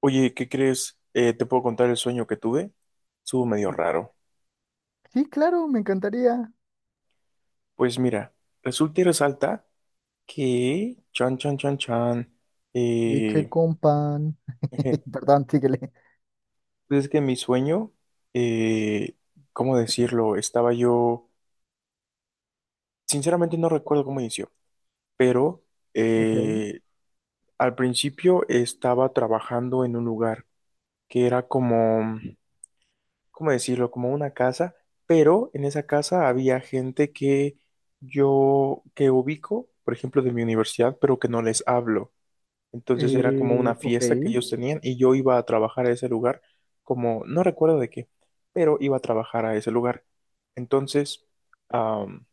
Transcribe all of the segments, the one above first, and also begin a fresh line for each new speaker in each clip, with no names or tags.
Oye, ¿qué crees? ¿Te puedo contar el sueño que tuve? Estuvo medio
Eh,
raro.
Sí, claro, me encantaría.
Pues mira, resulta y resalta que, chan, chan, chan, chan,
Leche
eh,
con pan. Perdón, síguele.
pues es que en mi sueño, eh, ¿cómo decirlo? Estaba yo, sinceramente no recuerdo cómo inició, pero
Ok.
eh, al principio estaba trabajando en un lugar que era como, ¿cómo decirlo? Como una casa, pero en esa casa había gente que yo, que ubico, por ejemplo, de mi universidad, pero que no les hablo. Entonces era como una
Ok.
fiesta que ellos tenían y yo iba a trabajar a ese lugar, como, no recuerdo de qué, pero iba a trabajar a ese lugar. Entonces, am,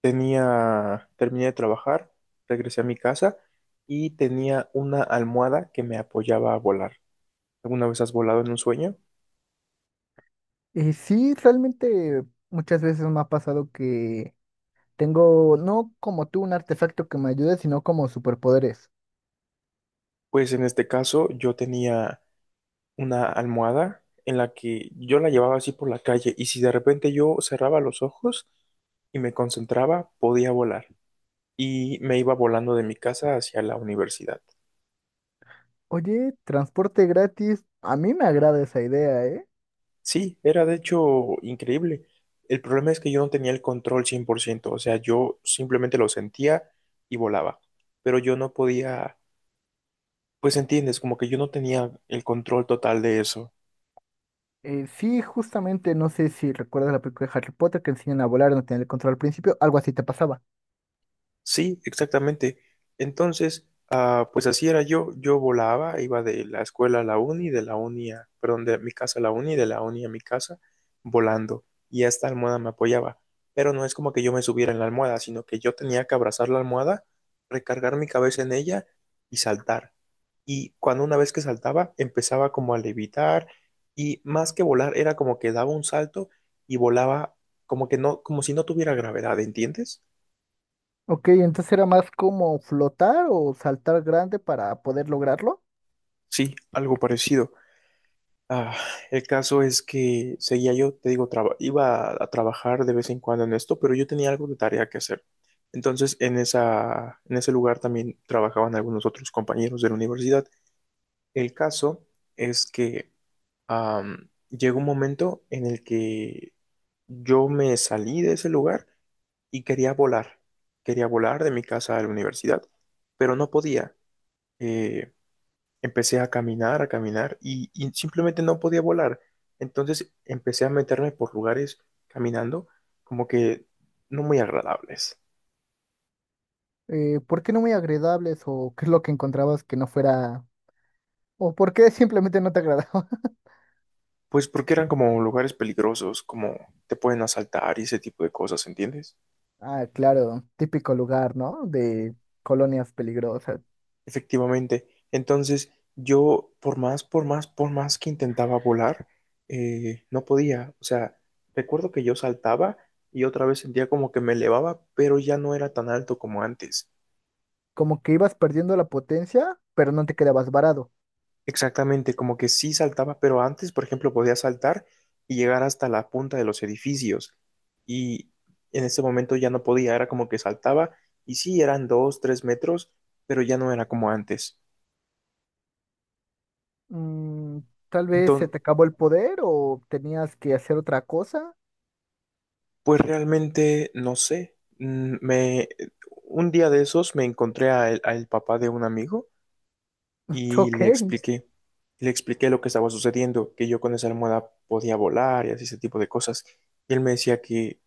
tenía, terminé de trabajar, regresé a mi casa y tenía una almohada que me apoyaba a volar. ¿Alguna vez has volado en un sueño?
Sí, realmente muchas veces me ha pasado que tengo, no como tú, un artefacto que me ayude, sino como superpoderes.
Pues en este caso yo tenía una almohada en la que yo la llevaba así por la calle y si de repente yo cerraba los ojos y me concentraba, podía volar y me iba volando de mi casa hacia la universidad.
Oye, transporte gratis. A mí me agrada esa idea, ¿eh?
Sí, era de hecho increíble. El problema es que yo no tenía el control 100%, o sea, yo simplemente lo sentía y volaba, pero yo no podía, pues entiendes, como que yo no tenía el control total de eso.
Sí, justamente, no sé si recuerdas la película de Harry Potter que enseñan a volar, no tener el control al principio, algo así te pasaba.
Sí, exactamente. Entonces, ah, pues así era yo. Yo volaba, iba de la escuela a la uni, de la uni a, perdón, de mi casa a la uni, de la uni a mi casa, volando. Y esta almohada me apoyaba. Pero no es como que yo me subiera en la almohada, sino que yo tenía que abrazar la almohada, recargar mi cabeza en ella y saltar. Y cuando una vez que saltaba, empezaba como a levitar y más que volar, era como que daba un salto y volaba como que no, como si no tuviera gravedad, ¿entiendes?
Ok, entonces era más como flotar o saltar grande para poder lograrlo.
Sí, algo parecido. Ah, el caso es que seguía yo, te digo, iba a trabajar de vez en cuando en esto, pero yo tenía algo de tarea que hacer. Entonces, en ese lugar también trabajaban algunos otros compañeros de la universidad. El caso es que llegó un momento en el que yo me salí de ese lugar y quería volar. Quería volar de mi casa a la universidad, pero no podía. Eh, Empecé a caminar y simplemente no podía volar. Entonces empecé a meterme por lugares caminando como que no muy agradables.
¿Por qué no muy agradables o qué es lo que encontrabas que no fuera o por qué simplemente no te agradaba?
Pues porque eran como lugares peligrosos, como te pueden asaltar y ese tipo de cosas, ¿entiendes?
Ah, claro, típico lugar, ¿no? De colonias peligrosas.
Efectivamente. Entonces yo por más, por más, por más que intentaba volar, no podía. O sea, recuerdo que yo saltaba y otra vez sentía como que me elevaba, pero ya no era tan alto como antes.
Como que ibas perdiendo la potencia, pero no te quedabas varado.
Exactamente, como que sí saltaba, pero antes, por ejemplo, podía saltar y llegar hasta la punta de los edificios. Y en ese momento ya no podía, era como que saltaba y sí, eran dos, tres metros, pero ya no era como antes.
Mm, tal vez se
Entonces,
te acabó el poder o tenías que hacer otra cosa.
pues realmente no sé. Un día de esos me encontré a al papá de un amigo y
Ok.
le expliqué lo que estaba sucediendo, que yo con esa almohada podía volar y así ese tipo de cosas. Y él me decía que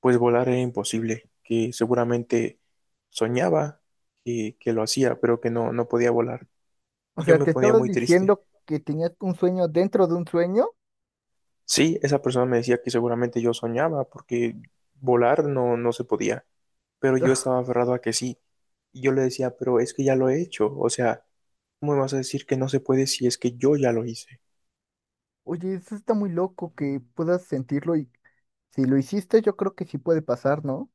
pues volar era imposible, que seguramente soñaba que lo hacía, pero que no, no podía volar.
O
Y yo
sea,
me
te
ponía
estabas
muy triste.
diciendo que tenías un sueño dentro de un sueño.
Sí, esa persona me decía que seguramente yo soñaba porque volar no, no se podía, pero yo estaba aferrado a que sí. Y yo le decía, pero es que ya lo he hecho, o sea, ¿cómo me vas a decir que no se puede si es que yo ya lo hice?
Oye, eso está muy loco que puedas sentirlo y si lo hiciste, yo creo que sí puede pasar, ¿no?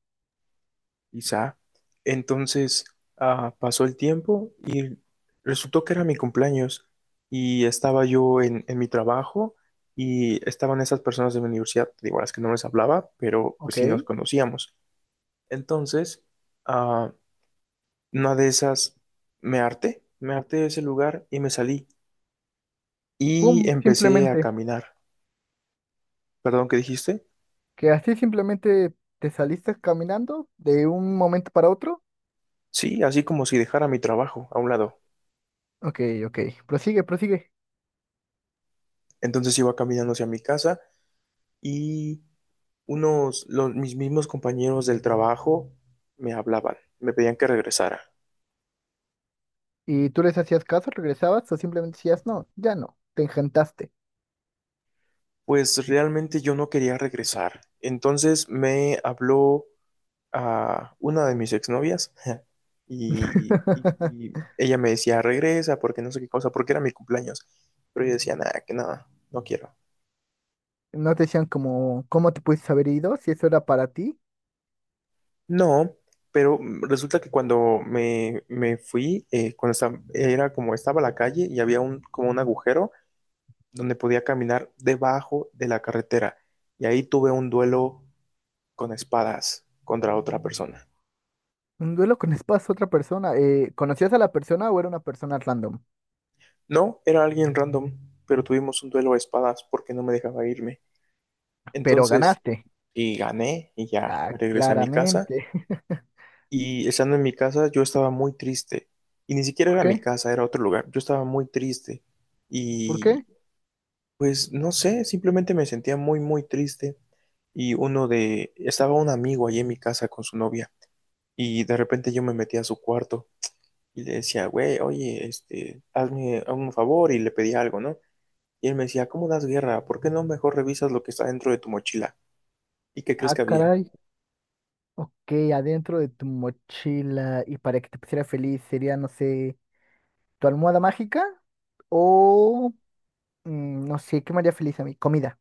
Quizá. Entonces, ah, pasó el tiempo y resultó que era mi cumpleaños y estaba yo en mi trabajo y estaban esas personas de mi universidad, digo, a las que no les hablaba, pero pues
Ok.
sí nos conocíamos. Entonces, ah, una de esas me harté de ese lugar y me salí
Pum,
y empecé a
simplemente.
caminar. ¿Perdón, qué dijiste?
Que así simplemente te saliste caminando de un momento para otro.
Sí, así como si dejara mi trabajo a un lado.
Ok, ok. Prosigue, prosigue.
Entonces iba caminando hacia mi casa y mis mismos compañeros del trabajo me hablaban, me pedían que regresara.
¿Y tú les hacías caso, regresabas o simplemente decías, no, ya no, te engentaste?
Pues realmente yo no quería regresar. Entonces me habló a una de mis exnovias y ella me decía, regresa, porque no sé qué cosa, porque era mi cumpleaños. Pero yo decía, nada, que nada, no quiero.
No te decían como, ¿cómo te pudiste haber ido? Si eso era para ti.
No, pero resulta que cuando me fui, cuando estaba, era como estaba la calle y había un, como un agujero donde podía caminar debajo de la carretera y ahí tuve un duelo con espadas contra otra persona.
Un duelo con espadas a otra persona. ¿Conocías a la persona o era una persona random?
No, era alguien random, pero tuvimos un duelo a espadas porque no me dejaba irme.
Pero
Entonces,
ganaste.
y gané y ya
Ah,
me regresé a mi casa
claramente.
y estando en mi casa yo estaba muy triste y ni siquiera
¿Por
era mi
qué?
casa, era otro lugar. Yo estaba muy triste
¿Por
y
qué?
pues no sé, simplemente me sentía muy muy triste y uno de estaba un amigo ahí en mi casa con su novia y de repente yo me metí a su cuarto y le decía, güey, oye, este, hazme un favor y le pedí algo, ¿no? Y él me decía, ¿cómo das guerra? ¿Por qué no mejor revisas lo que está dentro de tu mochila? ¿Y qué crees
Ah,
que había?
caray. Ok, adentro de tu mochila y para que te pusiera feliz sería, no sé, tu almohada mágica o, no sé, ¿qué me haría feliz a mí? Comida.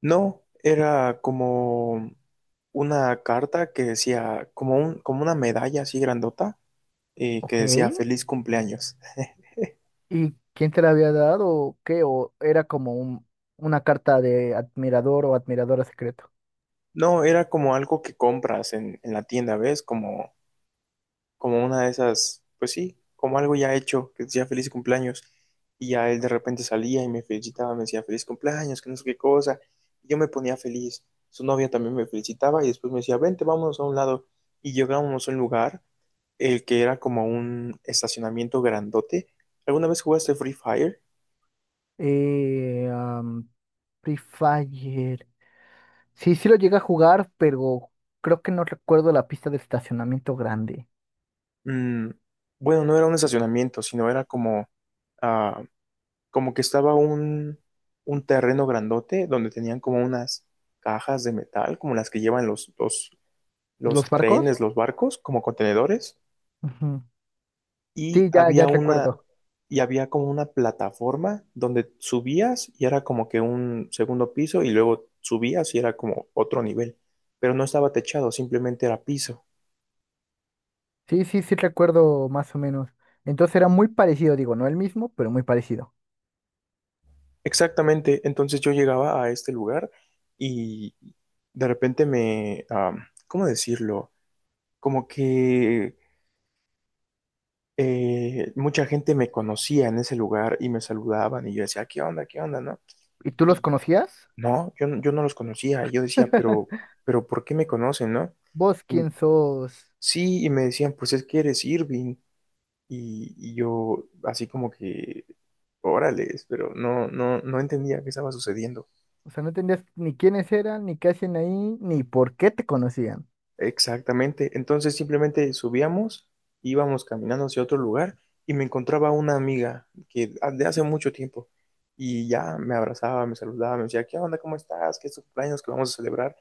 No, era como una carta que decía, como un, como una medalla así grandota, que
Ok.
decía feliz cumpleaños.
¿Y quién te la había dado o qué? ¿O era como una carta de admirador o admiradora secreto?
No, era como algo que compras en la tienda, ¿ves? Como como una de esas, pues sí, como algo ya hecho, que decía feliz cumpleaños. Y ya él de repente salía y me felicitaba, me decía feliz cumpleaños, que no sé qué cosa. Y yo me ponía feliz. Su novia también me felicitaba y después me decía, vente, vámonos a un lado. Y llegábamos a un lugar, el que era como un estacionamiento grandote. ¿Alguna vez jugaste Free Fire?
Eh, am, Free Fire. Sí, sí lo llegué a jugar, pero creo que no recuerdo la pista de estacionamiento grande.
Mm, bueno, no era un estacionamiento, sino era como, ah, como que estaba un terreno grandote donde tenían como unas cajas de metal, como las que llevan
¿Los
los
barcos?
trenes, los barcos, como contenedores,
Ujú.
y
Sí, ya
había una,
recuerdo.
y había como una plataforma donde subías y era como que un segundo piso y luego subías y era como otro nivel, pero no estaba techado, simplemente era piso.
Sí, sí recuerdo más o menos. Entonces era muy parecido, digo, no el mismo, pero muy parecido.
Exactamente, entonces yo llegaba a este lugar y de repente me, ah, ¿cómo decirlo? Como que mucha gente me conocía en ese lugar y me saludaban y yo decía, ¿qué onda? ¿Qué onda? ¿No?
¿Y tú los
Y
conocías?
no, yo, yo no los conocía. Y yo decía, pero ¿por qué me conocen? ¿No?
¿Vos
Y-
quién sos?
sí, y me decían, pues es que eres Irving. Y yo así como que, órales, pero no, no, no entendía qué estaba sucediendo.
O sea, no entendías ni quiénes eran, ni qué hacían ahí, ni por qué te conocían.
Exactamente. Entonces simplemente subíamos, íbamos caminando hacia otro lugar y me encontraba una amiga que de hace mucho tiempo y ya me abrazaba, me saludaba, me decía, ¿qué onda? ¿Cómo estás? ¿Qué es tu cumpleaños que vamos a celebrar?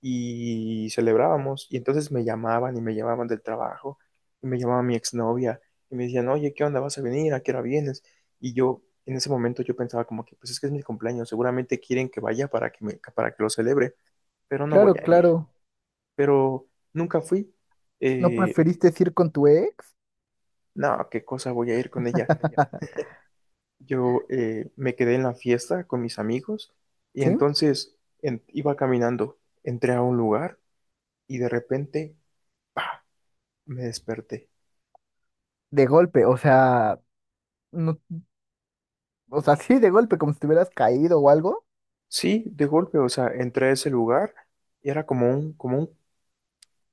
Y celebrábamos y entonces me llamaban y me llamaban del trabajo y me llamaba mi exnovia y me decían, oye, ¿qué onda? ¿Vas a venir? ¿A qué hora vienes? Y yo en ese momento yo pensaba como que pues es que es mi cumpleaños, seguramente quieren que vaya para que me, para que lo celebre, pero no voy
Claro,
a ir
claro.
pero nunca fui.
¿No
Eh,
preferiste ir con tu ex?
no, qué cosa voy a ir con ella. Yo me quedé en la fiesta con mis amigos y
¿Sí?
entonces iba caminando, entré a un lugar y de repente, ¡pa! Me desperté.
De golpe, o sea, no, o sea, sí, de golpe, como si te hubieras caído o algo.
Sí, de golpe, o sea, entré a ese lugar y era como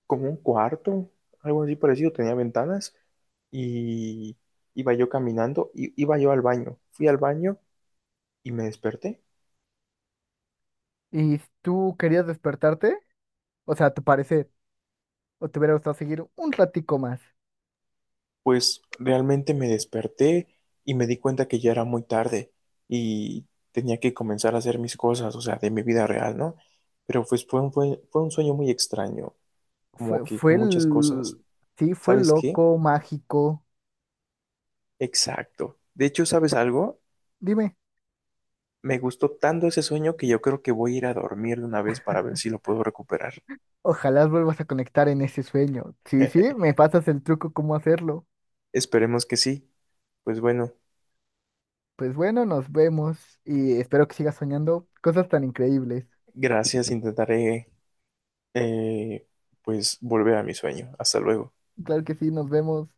como un cuarto, algo así parecido, tenía ventanas y iba yo caminando, y iba yo al baño, fui al baño y me desperté.
¿Y tú querías despertarte? O sea, a tu parecer, o te hubiera gustado seguir un ratico más.
Pues realmente me desperté y me di cuenta que ya era muy tarde y tenía que comenzar a hacer mis cosas, o sea, de mi vida real, ¿no? Pero pues fue un sueño muy extraño, como
Fue,
que
fue
con muchas cosas.
el, sí, fue
¿Sabes qué?
loco, mágico.
Exacto. De hecho, ¿sabes algo?
Dime,
Me gustó tanto ese sueño que yo creo que voy a ir a dormir de una vez para ver si lo puedo recuperar.
ojalá vuelvas a conectar en ese sueño. Sí, sí, me pasas el truco cómo hacerlo.
Esperemos que sí. Pues bueno,
Pues bueno, nos vemos y espero que sigas soñando cosas tan increíbles.
gracias. Intentaré, eh, pues, volver a mi sueño. Hasta luego.
Claro que sí, nos vemos.